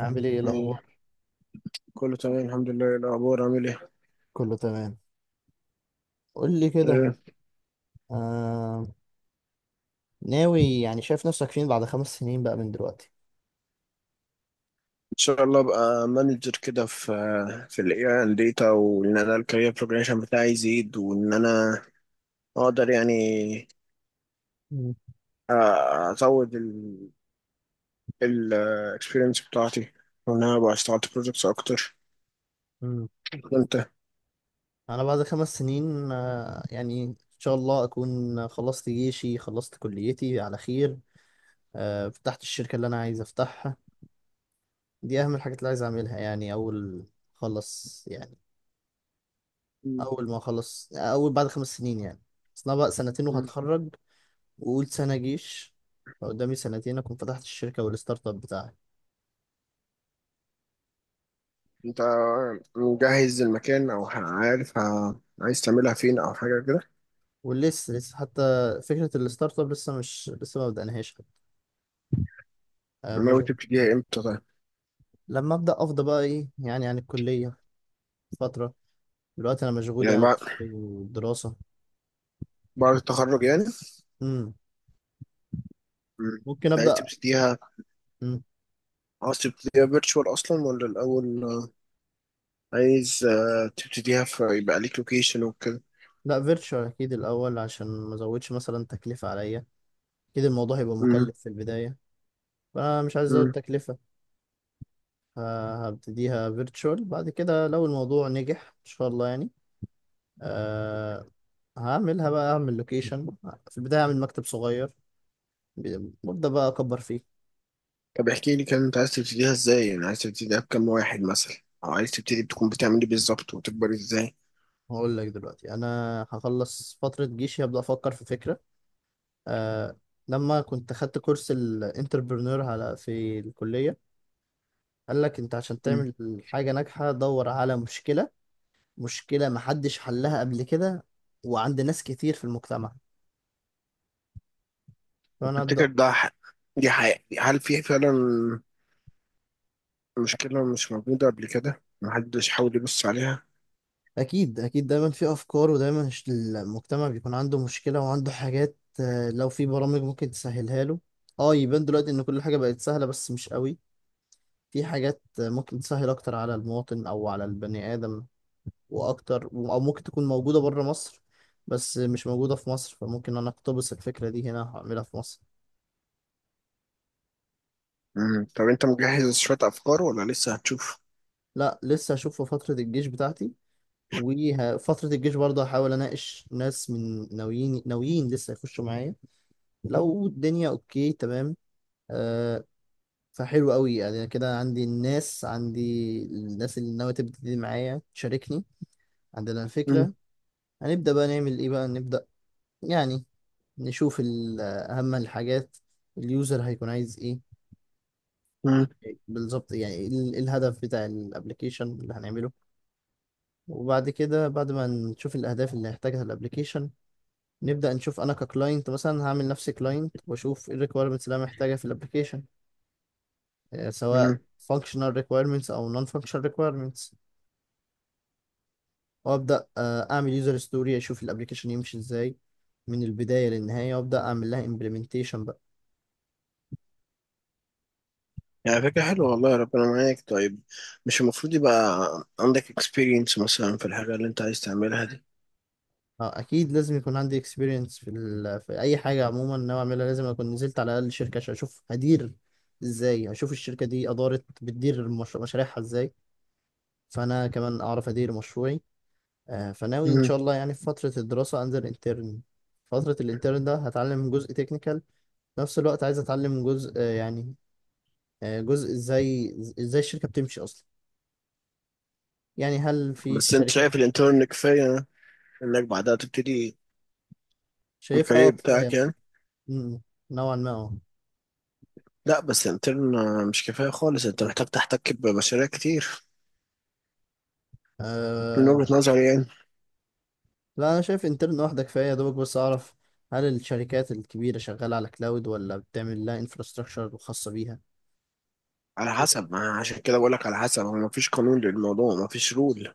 عامل ايه الاخبار؟ إيه. كله تمام الحمد لله، إيه الأخبار عامل إيه؟ كله تمام. قول لي كده. إيه، آه... ناوي، يعني شايف نفسك فين بعد 5 سنين بقى من دلوقتي؟ إن شاء الله أبقى مانجر كده في ال AI and data، وإن أنا الكارير بروجريشن بتاعي يزيد، وإن أنا أقدر يعني مم. أ- أزود ال experience بتاعتي، وإن أنا أبقى اشتغلت projects أكتر. مم. وأنت؟ انا بعد 5 سنين يعني ان شاء الله اكون خلصت جيشي، خلصت كليتي على خير. فتحت الشركة اللي انا عايز افتحها. دي اهم الحاجات اللي عايز اعملها، يعني اول خلص يعني، مم. اول ما اخلص، اول بعد 5 سنين يعني. اصل انا بقى سنتين مم. وهتخرج وقول سنة جيش، فقدامي سنتين اكون فتحت الشركة والستارت اب بتاعي. أنت مجهز المكان أو عارف عايز تعملها فين أو حاجة كده؟ ولسه حتى فكرة الستارت اب لسه ما بدأناهاش. ناوي مشغول. تبتديها إمتى طيب؟ لما أبدأ أفضى بقى، إيه يعني عن الكلية فترة، دلوقتي أنا مشغول يعني يعني بعد بالدراسة. بعد التخرج يعني؟ مم. مم. ممكن أنت عايز أبدأ. تبتديها، مم. عاوز تبتديها فيرتشوال اصلا ولا الاول عايز تبتديها فيبقى ليك لوكيشن وكده؟ لا فيرتشوال أكيد الأول، عشان ما أزودش مثلا تكلفة عليا. أكيد الموضوع هيبقى مم. مكلف في البداية، فأنا مش عايز أزود مم. تكلفة. فهبتديها فيرتشوال، بعد كده لو الموضوع نجح إن شاء الله يعني، أه، هعملها بقى، أعمل لوكيشن. في البداية أعمل مكتب صغير وأبدأ بقى أكبر فيه. طب احكي لي كان انت عايز تبتديها ازاي، يعني عايز تبتديها بكام واحد مثلا، او عايز تبتدي بتكون بتعمل ايه بالظبط وتكبر ازاي؟ هقول لك دلوقتي، انا هخلص فتره جيشي، هبدا افكر في فكره. آه لما كنت خدت كورس الانتربرنور على في الكليه، قال لك انت عشان مم. تعمل حاجه ناجحه دور على مشكله، مشكله محدش حلها قبل كده وعند ناس كتير في المجتمع، طب فانا تفتكر ابدا. ده دي حقيقة؟ هل في فعلا مشكلة مش موجودة قبل كده محدش حاول يبص عليها؟ اكيد اكيد، دايما في افكار، ودايما المجتمع بيكون عنده مشكله وعنده حاجات. لو في برامج ممكن تسهلها له. اه، يبان دلوقتي ان كل حاجه بقت سهله بس مش قوي. في حاجات ممكن تسهل أكتر على المواطن أو على البني آدم وأكتر، أو ممكن تكون موجودة بره مصر بس مش موجودة في مصر، فممكن أنا أقتبس الفكرة دي هنا هعملها في مصر. مم. طب انت مجهز شوية افكار ولا لسه هتشوف؟ لا لسه هشوف في فترة الجيش بتاعتي. وفترة الجيش برضه هحاول أناقش ناس، من ناويين ناويين لسه يخشوا معايا. لو الدنيا أوكي تمام، أه، فحلو قوي يعني، كده عندي الناس، عندي الناس اللي ناوية تبتدي معايا تشاركني، عندنا مم. الفكرة. هنبدأ بقى نعمل إيه، بقى نبدأ يعني نشوف أهم الحاجات. اليوزر هيكون عايز إيه مم. بالظبط، يعني إيه الهدف بتاع الابلكيشن اللي هنعمله. وبعد كده، بعد ما نشوف الأهداف اللي هيحتاجها الابلكيشن، نبدأ نشوف أنا ككلاينت مثلا، هعمل نفسي كلاينت وأشوف إيه الريكويرمنتس اللي أنا محتاجها في الابلكيشن، سواء مم. functional requirements أو non functional requirements. وأبدأ أعمل يوزر ستوري، أشوف الابلكيشن يمشي إزاي من البداية للنهاية، وأبدأ أعمل لها implementation. يعني فكرة حلوة والله، ربنا معاك. طيب مش المفروض يبقى عندك experience مثلا في الحاجة اللي انت عايز تعملها دي؟ اه اكيد، لازم يكون عندي اكسبيرينس في, ال... في اي حاجه. عموما ناوي اعملها لازم اكون نزلت على الاقل شركه عشان اشوف هدير ازاي، اشوف الشركه دي ادارت بتدير مش... مشاريعها ازاي، فانا كمان اعرف ادير مشروعي. فناوي ان مم. شاء الله يعني في فتره الدراسه انزل انترن. فتره الانترن ده هتعلم جزء تكنيكال، في نفس الوقت عايز اتعلم جزء يعني جزء ازاي الشركه بتمشي اصلا. يعني هل في بس انت شركات. شايف الانترن كفاية انك بعدها تبتدي شايفها اه الكارير كفايه. بتاعك يعني؟ م- نوعا ما. لا، بس الانترن مش كفاية خالص، انت محتاج تحتك بمشاريع كتير، من وجهة اه نظري يعني. لا انا شايف انترن واحده كفايه، يا دوبك بس اعرف هل الشركات الكبيره شغاله على كلاود ولا بتعمل لها انفراستراكشر خاصه بيها، على كده حسب ما، عشان كده بقولك على حسب، هو مفيش قانون للموضوع، مفيش رول.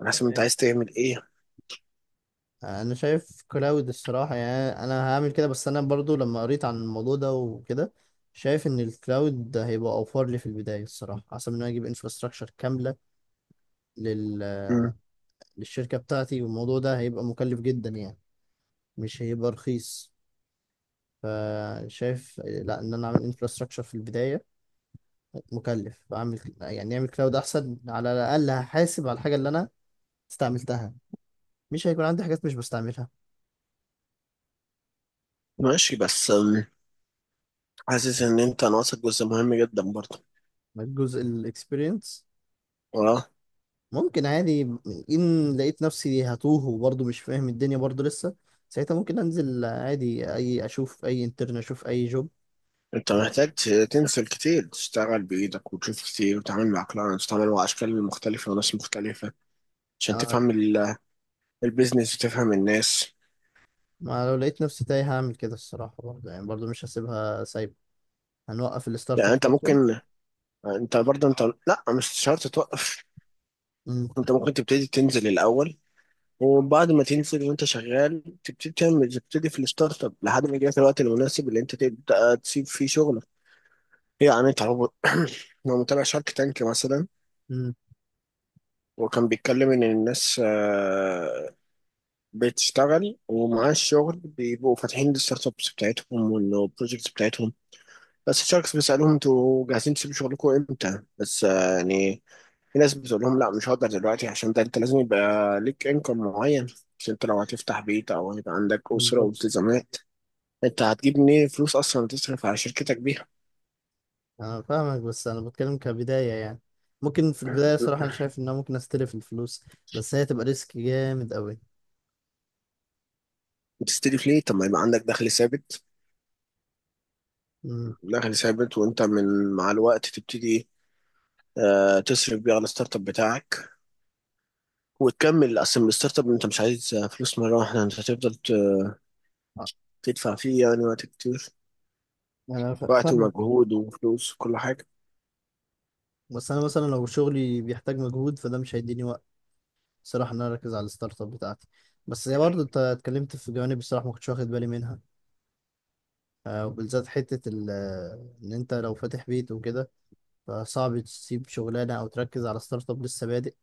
على حسب انت يعني. عايز تعمل ايه. انا شايف كلاود الصراحه، يعني انا هعمل كده. بس انا برضو لما قريت عن الموضوع ده وكده، شايف ان الكلاود ده هيبقى اوفر لي في البدايه الصراحه، احسن من إن انا اجيب انفراستراكشر كامله لل مم. للشركه بتاعتي، والموضوع ده هيبقى مكلف جدا يعني، مش هيبقى رخيص. فشايف لا، ان انا اعمل انفراستراكشر في البدايه مكلف، اعمل يعني اعمل كلاود احسن، على الاقل هحاسب على الحاجه اللي انا استعملتها، مش هيكون عندي حاجات مش بستعملها. ماشي، بس حاسس ان انت ناقصك جزء مهم جدا برضه. جزء الاكسبيرينس اه، ممكن عادي، ان لقيت نفسي هتوه وبرضه مش فاهم الدنيا برضه لسه، ساعتها ممكن انزل عادي، اي اشوف اي انترن، اشوف اي جوب. انت أس- محتاج تنزل كتير، تشتغل بايدك وتشوف كتير وتتعامل مع كلاينتس وتتعامل مع اشكال مختلفه وناس مختلفه، عشان أنا- تفهم البيزنس وتفهم الناس. ما لو لقيت نفسي تايه هعمل كده الصراحه، برضه يعني، برضه مش هسيبها سايبه، هنوقف الستارت يعني اب انت فتره. ممكن، انت برضه انت، لا مش شرط توقف. انت ممكن تبتدي تنزل الاول، وبعد ما تنزل وانت شغال تبتدي تعمل، تبتدي في الستارت اب لحد ما يجيلك الوقت المناسب اللي انت تبدا تسيب فيه شغلك. يعني انت لو لو متابع شارك تانك مثلا، امم. وكان بيتكلم ان الناس بتشتغل ومعاها الشغل بيبقوا فاتحين الستارت ابس بتاعتهم والبروجكتس بتاعتهم، بس الشركس بيسألهم انتوا جاهزين تسيبوا شغلكم امتى؟ بس يعني في ناس بتقول لهم لا مش هقدر دلوقتي، عشان ده انت لازم يبقى ليك انكم معين، عشان انت لو هتفتح بيت او هيبقى عندك اسره بالظبط. والتزامات، انت هتجيب منين فلوس اصلا تصرف على شركتك بيها؟ انا فاهمك، بس انا بتكلم كبداية يعني. ممكن في البداية صراحة انا شايف ان انا ممكن استلف الفلوس، بس هي تبقى ريسك جامد قوي. تستلف ليه؟ طب ما يبقى عندك دخل ثابت، امم. دخل ثابت، وانت من مع الوقت تبتدي تصرف بيه على الستارت اب بتاعك، وتكمل اصلا الستارت اب. انت مش عايز فلوس مره واحده، انت هتفضل تدفع فيه يعني وقت كتير، وقت فاهمك. ومجهود وفلوس وكل حاجه. بس انا مثلا لو شغلي بيحتاج مجهود فده مش هيديني وقت صراحة ان انا اركز على الستارت اب بتاعتي. بس هي برضه، انت اتكلمت في جوانب الصراحة ما كنتش واخد بالي منها. وبالذات حتة ان انت لو فاتح بيت وكده، فصعب تسيب شغلانة او تركز على ستارت اب لسه بادئ.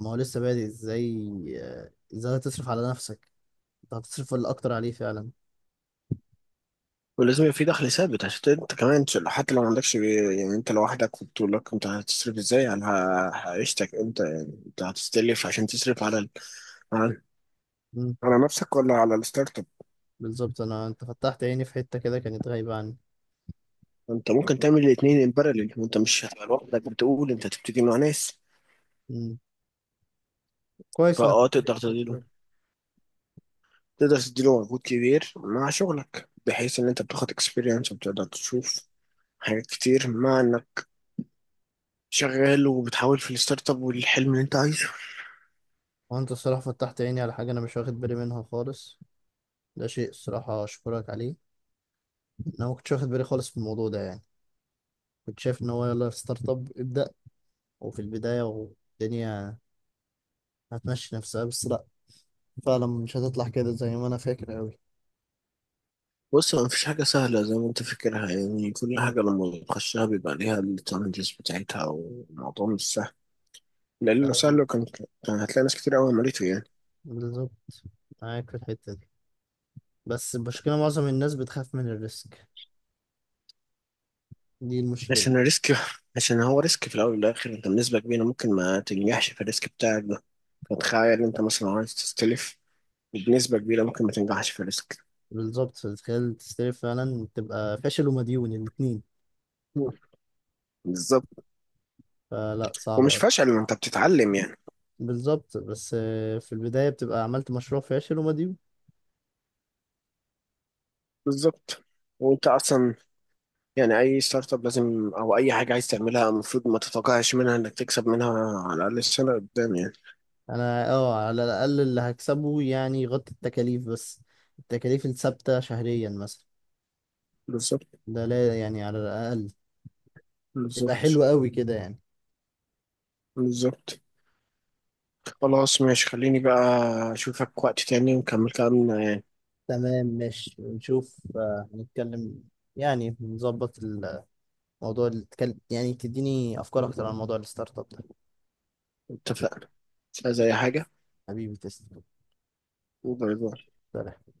ما هو لسه بادئ ازاي، ازاي هتصرف على نفسك، انت هتصرف ولا اكتر عليه فعلا؟ ولازم يبقى في دخل ثابت، عشان انت كمان حتى لو ما عندكش يعني انت لوحدك في بطولك، انت هتصرف ازاي على عيشتك انت؟ يعني انت هتستلف عشان تصرف على على مم. على نفسك ولا على الستارت اب؟ بالظبط، انت فتحت عيني في حتة كده كانت غايبة عني. انت ممكن تعمل الاثنين ان باراليل، وانت مش هتبقى لوحدك، بتقول انت هتبتدي مع ناس. مم. كويس انك فاه قلت لي، تقدر أخد تدير، بالي. تقدر تديله مجهود كبير مع شغلك، بحيث ان انت بتاخد اكسبيرينس وبتقدر تشوف حاجات كتير مع انك شغال وبتحاول في الستارت اب والحلم اللي انت عايزه. وانت الصراحة فتحت عيني على حاجة انا مش واخد بالي منها خالص، ده شيء الصراحة اشكرك عليه. انا ما كنتش واخد بالي خالص في الموضوع ده يعني، كنت شايف ان هو يلا ستارت اب ابدأ، وفي البداية والدنيا هتمشي نفسها بس. فعلا مش هتطلع كده زي ما انا فاكر قوي. بص، ما فيش حاجة سهلة زي ما انت فاكرها، يعني كل مم. حاجة لما بتخشها بيبقى ليها التشالنجز بتاعتها والموضوع مش سهل. لأنه أيوة، سهل كان، كان هتلاقي ناس كتير قوي عملته يعني. بالظبط، معاك في الحتة دي. بس المشكلة معظم الناس بتخاف من الريسك، دي المشكلة. عشان الريسك، عشان هو ريسك في الأول والآخر، انت بنسبة كبيرة ممكن ما تنجحش في الريسك بتاعك ده. فتخيل انت مثلا عايز تستلف، بنسبة كبيرة ممكن ما تنجحش في الريسك. بالظبط، فتخيل تستلف فعلا تبقى فاشل ومديون الاتنين، بالظبط. فلا صعبة ومش أوي. فشل، ما انت بتتعلم يعني. بالظبط، بس في البداية بتبقى عملت مشروع فاشل ومديون. بالظبط. وانت اصلا يعني اي ستارت اب لازم، او اي حاجه عايز تعملها، المفروض ما تتوقعش منها انك تكسب منها، على الاقل السنه قدام يعني. أنا اه، على الأقل اللي هكسبه يعني يغطي التكاليف بس، التكاليف الثابتة شهريا مثلا، بالظبط. ده لا يعني على الأقل يبقى بالظبط. حلو قوي كده يعني. بالظبط. خلاص، ماشي. خليني بقى اشوفك وقت تاني ونكمل كلامنا يعني. تمام ماشي، نشوف هنتكلم يعني، نظبط الموضوع اللي تكلم يعني، تديني أفكار أكتر عن موضوع الستارت اب ده. اتفقنا، مش عايز اي حاجه. حبيبي تسلم. باي باي. سلام.